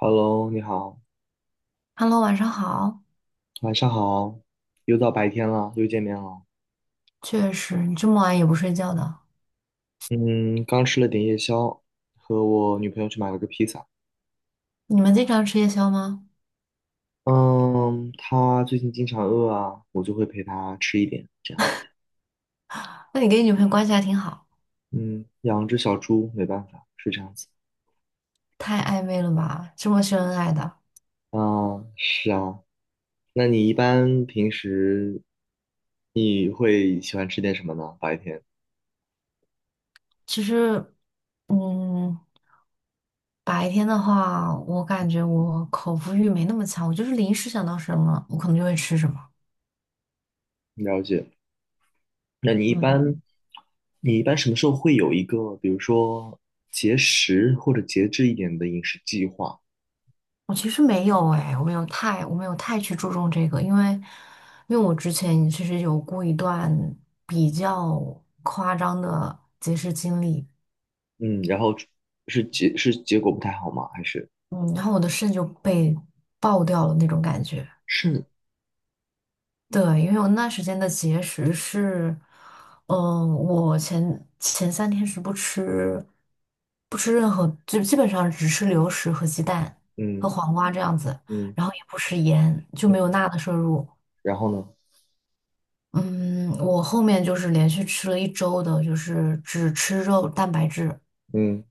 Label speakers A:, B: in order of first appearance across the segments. A: Hello，你好，
B: Hello，晚上好。
A: 晚上好，又到白天了，又见面了。
B: 确实，你这么晚也不睡觉的，
A: 嗯，刚吃了点夜宵，和我女朋友去买了个披萨。
B: 你们经常吃夜宵吗？
A: 嗯，她最近经常饿啊，我就会陪她吃一点，这样。
B: 那你跟你女朋友关系还挺好，
A: 嗯，养只小猪没办法，是这样子。
B: 太暧昧了吧？这么秀恩爱的。
A: 啊，是啊，那你一般平时你会喜欢吃点什么呢？白天，
B: 其实，嗯，白天的话，我感觉我口腹欲没那么强，我就是临时想到什么，我可能就会吃什么。
A: 了解。那你一
B: 嗯，
A: 般，你一般什么时候会有一个，比如说节食或者节制一点的饮食计划？
B: 我其实没有哎，我没有太去注重这个，因为我之前其实有过一段比较夸张的节食经历。
A: 嗯，然后是结果不太好吗？还是
B: 嗯，然后我的肾就被爆掉了那种感觉。
A: 是
B: 对，因为我那段时间的节食是，嗯、我前三天是不吃，不吃任何，就基本上只吃流食和鸡蛋
A: 嗯
B: 和黄瓜这样子，
A: 嗯
B: 然后也不吃盐，就没
A: 嗯，
B: 有钠的摄入。
A: 然后呢？
B: 嗯，我后面就是连续吃了1周的，就是只吃肉蛋白质，
A: 嗯，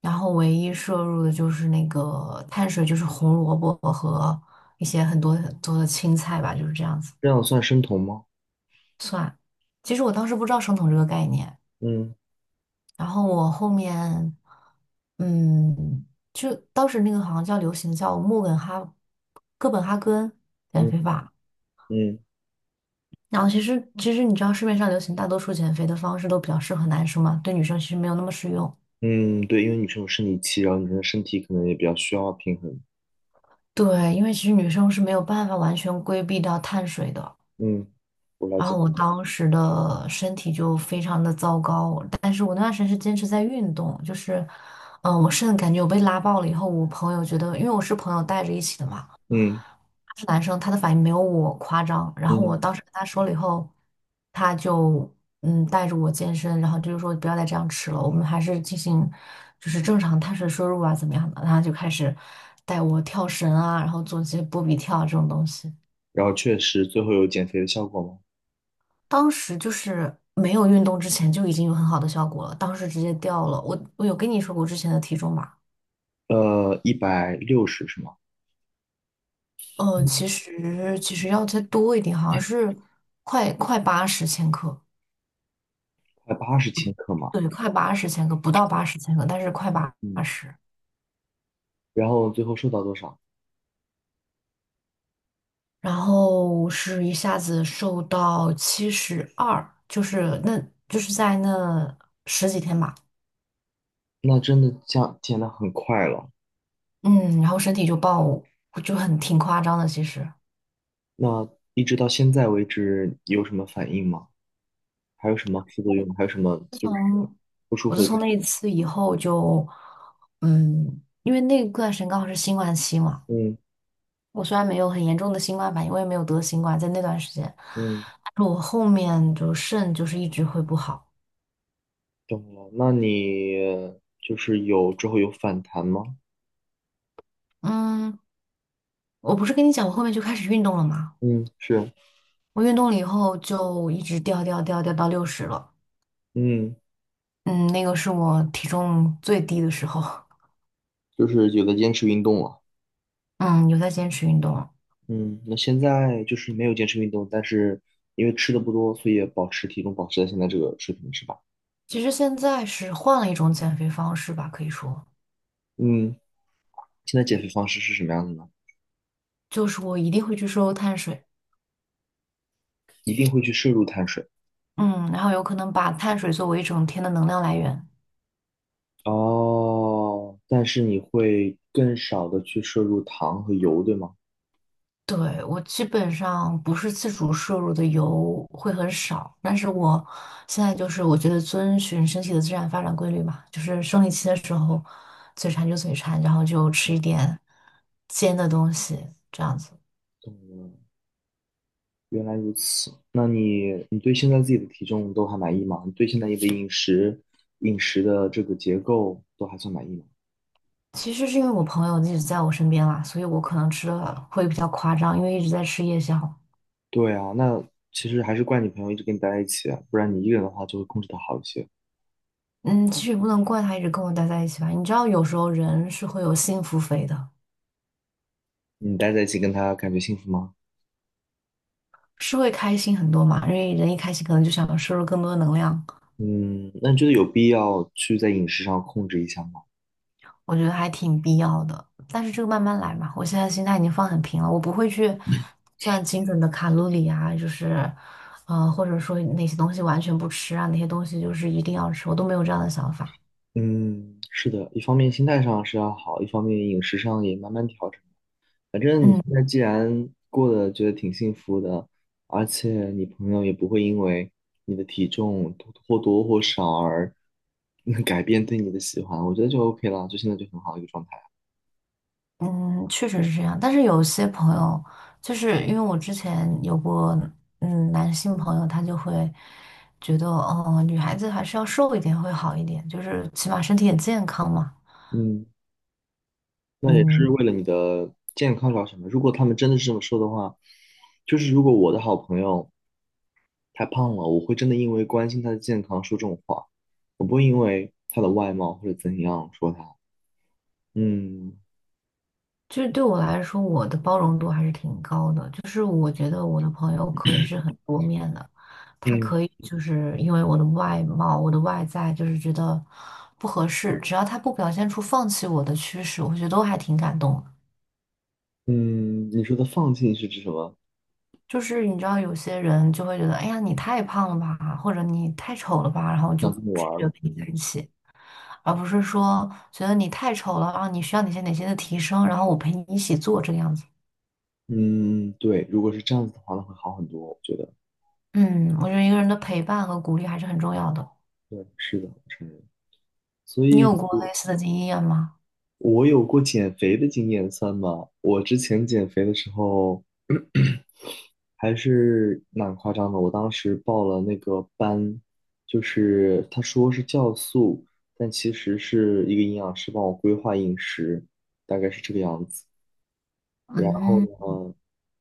B: 然后唯一摄入的就是那个碳水，就是红萝卜和一些很多很多的青菜吧，就是这样子
A: 这样算生酮吗？
B: 算。其实我当时不知道生酮这个概念，
A: 嗯
B: 然后我后面，嗯，就当时那个好像叫流行叫穆根哈哥本哈根减
A: 嗯
B: 肥法。
A: 嗯
B: 然后其实你知道市面上流行大多数减肥的方式都比较适合男生嘛，对女生其实没有那么适用。
A: 嗯，对，因为女生有生理期，然后女生的身体可能也比较需要平衡。
B: 对，因为其实女生是没有办法完全规避掉碳水的。
A: 嗯，我了
B: 然
A: 解。
B: 后我当时的身体就非常的糟糕，但是我那段时间是坚持在运动，就是，我甚至感觉我被拉爆了以后，我朋友觉得，因为我是朋友带着一起的嘛，
A: 嗯。
B: 他是男生，他的反应没有我夸张，然后我
A: 嗯。
B: 当时跟他说了以后，他就带着我健身，然后就是说不要再这样吃了，我们还是进行就是正常碳水摄入啊怎么样的，然后他就开始带我跳绳啊，然后做一些波比跳啊这种东西。
A: 然后确实最后有减肥的效果吗？
B: 当时就是没有运动之前就已经有很好的效果了，当时直接掉了。我有跟你说过之前的体重吧？
A: 呃，160是吗？嗯，
B: 其实要再多一点，好像是快八十千克，
A: 快80千克嘛。
B: 对，快八十千克，不到八十千克，但是快八
A: 嗯，
B: 十。
A: 然后最后瘦到多少？
B: 然后是一下子瘦到72，就是那就是在那十几天吧，
A: 那真的降减的很快了。
B: 嗯，然后身体就爆，就很挺夸张的，其实。
A: 那一直到现在为止有什么反应吗？还有什么副作用？还有什么就是不舒
B: 我
A: 服
B: 自
A: 的地
B: 从那一
A: 方。
B: 次以后就，嗯，因为那段时间刚好是新冠期嘛，
A: 嗯。
B: 我虽然没有很严重的新冠反应，我也没有得新冠，在那段时间，
A: 嗯，
B: 但是我后面就肾就是一直会不好。
A: 懂了。那你就是有之后有反弹吗？
B: 嗯，我不是跟你讲我后面就开始运动了吗？
A: 嗯，是，
B: 我运动了以后就一直掉掉掉掉到60了。
A: 嗯，
B: 嗯，那个是我体重最低的时候。
A: 就是有的坚持运动了。
B: 嗯，有在坚持运动了。
A: 嗯，那现在就是没有坚持运动，但是因为吃的不多，所以也保持体重保持在现在这个水平，是吧？
B: 其实现在是换了一种减肥方式吧，可以说
A: 嗯，现在减肥方式是什么样的呢？
B: 就是我一定会去摄入碳水。
A: 一定会去摄入碳水。
B: 嗯，然后有可能把碳水作为一整天的能量来源。
A: 哦，但是你会更少的去摄入糖和油，对吗？
B: 对，我基本上不是自主摄入的油会很少，但是我现在就是我觉得遵循身体的自然发展规律吧，就是生理期的时候嘴馋就嘴馋，然后就吃一点煎的东西这样子。
A: 懂了，原来如此。那你你对现在自己的体重都还满意吗？你对现在你的饮食饮食的这个结构都还算满意吗？
B: 其实是因为我朋友一直在我身边啦，所以我可能吃的会比较夸张，因为一直在吃夜宵。
A: 对啊，那其实还是怪你朋友一直跟你待在一起啊不然你一个人的话就会控制的好一些。
B: 嗯，其实也不能怪他一直跟我待在一起吧，你知道有时候人是会有幸福肥的。
A: 你待在一起跟他感觉幸福吗？
B: 是会开心很多嘛，因为人一开心，可能就想摄入更多的能量，
A: 嗯，那你觉得有必要去在饮食上控制一下吗？
B: 我觉得还挺必要的。但是这个慢慢来嘛，我现在心态已经放很平了，我不会去算精准的卡路里啊，就是，或者说哪些东西完全不吃啊，哪些东西就是一定要吃，我都没有这样的想法。
A: 嗯，是的，一方面心态上是要好，一方面饮食上也慢慢调整。反正你
B: 嗯
A: 现在既然过得觉得挺幸福的，而且你朋友也不会因为你的体重或多或少而 改变对你的喜欢，我觉得就 OK 了，就现在就很好的一个状态。
B: 嗯，确实是这样。但是有些朋友，就是因为我之前有过，嗯，男性朋友，他就会觉得，哦、女孩子还是要瘦一点会好一点，就是起码身体也健康嘛。
A: 嗯，那也是
B: 嗯，
A: 为了你的健康着想的。如果他们真的是这么说的话，就是如果我的好朋友太胖了，我会真的因为关心他的健康说这种话，我不会因为他的外貌或者怎样说他。嗯。
B: 其实对我来说，我的包容度还是挺高的。就是我觉得我的朋友可以是很多面的，他
A: 嗯。
B: 可以就是因为我的外貌、我的外在，就是觉得不合适，只要他不表现出放弃我的趋势，我觉得都还挺感动的。
A: 嗯，你说的放弃是指什么？
B: 就是你知道，有些人就会觉得，哎呀，你太胖了吧，或者你太丑了吧，然后就
A: 想这么
B: 拒
A: 玩儿
B: 绝
A: 了。
B: 跟你在一起，而不是说觉得你太丑了然后你需要哪些哪些的提升，然后我陪你一起做这个样子。
A: 嗯，对，如果是这样子的话，那会好很多，我觉得。
B: 嗯，我觉得一个人的陪伴和鼓励还是很重要的。
A: 对，是的，我承认。所
B: 你
A: 以
B: 有过
A: 我，
B: 类似的经验吗？
A: 我有过减肥的经验，算吗？我之前减肥的时候，还是蛮夸张的。我当时报了那个班，就是他说是酵素，但其实是一个营养师帮我规划饮食，大概是这个样子。然后
B: 嗯，
A: 呢？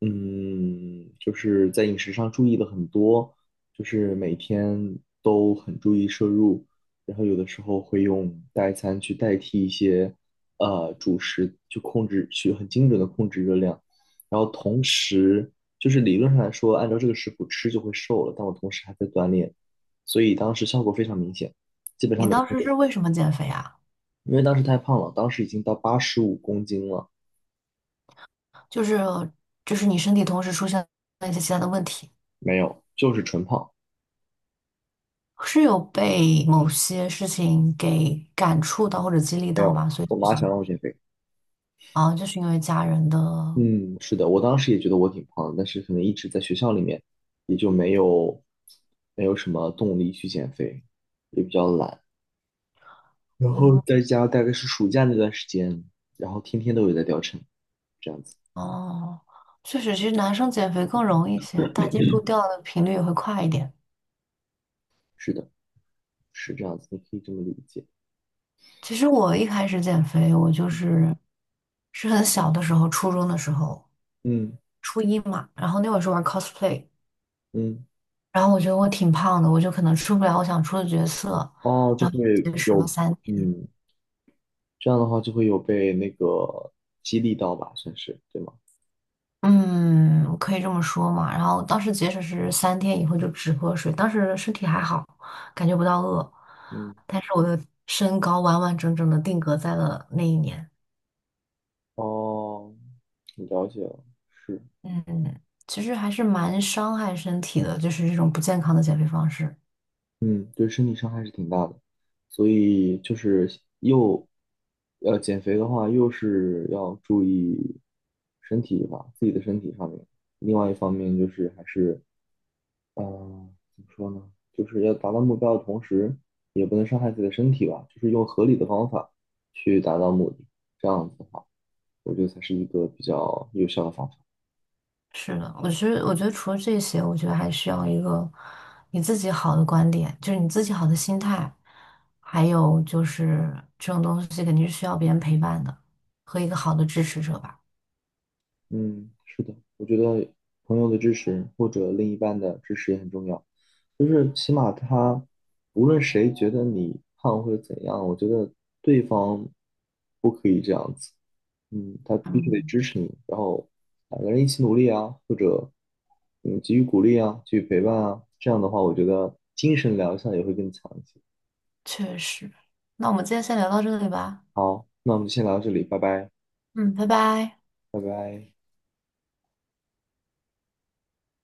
A: 嗯，就是在饮食上注意的很多，就是每天都很注意摄入，然后有的时候会用代餐去代替一些主食，去控制，去很精准的控制热量。然后同时，就是理论上来说，按照这个食谱吃就会瘦了，但我同时还在锻炼，所以当时效果非常明显，基本上
B: 你
A: 每
B: 当
A: 天
B: 时
A: 都，
B: 是为什么减肥啊？
A: 因为当时太胖了，当时已经到85公斤了，
B: 就是你身体同时出现了一些其他的问题，
A: 没有，就是纯胖，
B: 是有被某些事情给感触到或者激励
A: 没
B: 到
A: 有。
B: 吗？所以
A: 我
B: 就
A: 妈
B: 想
A: 想让我减肥。
B: 啊，就是因为家人的，
A: 嗯，是的，我当时也觉得我挺胖的但是可能一直在学校里面，也就没有没有什么动力去减肥，也比较懒。然后在
B: 嗯，
A: 家大概是暑假那段时间，然后天天都有在掉秤，这样子。
B: 哦，确实，其实男生减肥更容易一些，大基数掉的频率也会快一点。
A: 是的，是这样子，你可以这么理解。
B: 其实我一开始减肥，我就是是很小的时候，初中的时候。
A: 嗯。
B: 初一嘛，然后那会儿是玩 cosplay,
A: 嗯。
B: 然后我觉得我挺胖的，我就可能出不了我想出的角色，
A: 哦，就
B: 然后
A: 会
B: 就节食
A: 有，
B: 了三天，
A: 嗯，这样的话就会有被那个激励到吧，算是，对吗？
B: 嗯，可以这么说嘛。然后当时节食是三天以后就只喝水，当时身体还好，感觉不到饿，
A: 嗯，
B: 但是我的身高完完整整的定格在了那一年，
A: 哦，了解了，是。
B: 嗯，其实还是蛮伤害身体的，就是这种不健康的减肥方式。
A: 嗯，对身体伤害是挺大的，所以就是又减肥的话，又是要注意身体吧，自己的身体上面。另外一方面就是还是，怎么说呢？就是要达到目标的同时，也不能伤害自己的身体吧，就是用合理的方法去达到目的。这样子的话，我觉得才是一个比较有效的方法。
B: 是的，我觉得，我觉得除了这些，我觉得还需要一个你自己好的观点，就是你自己好的心态，还有就是这种东西肯定是需要别人陪伴的，和一个好的支持者吧。
A: 嗯，是的，我觉得朋友的支持或者另一半的支持也很重要，就是起码他无论谁觉得你胖或者怎样，我觉得对方不可以这样子，嗯，他必须得
B: 嗯，
A: 支持你，然后两个人一起努力啊，或者给予鼓励啊，给予陪伴啊，这样的话，我觉得精神疗效也会更强一些。
B: 确实。那我们今天先聊到这里吧。
A: 好，那我们就先聊到这里，拜拜，
B: 嗯，拜拜。
A: 拜拜。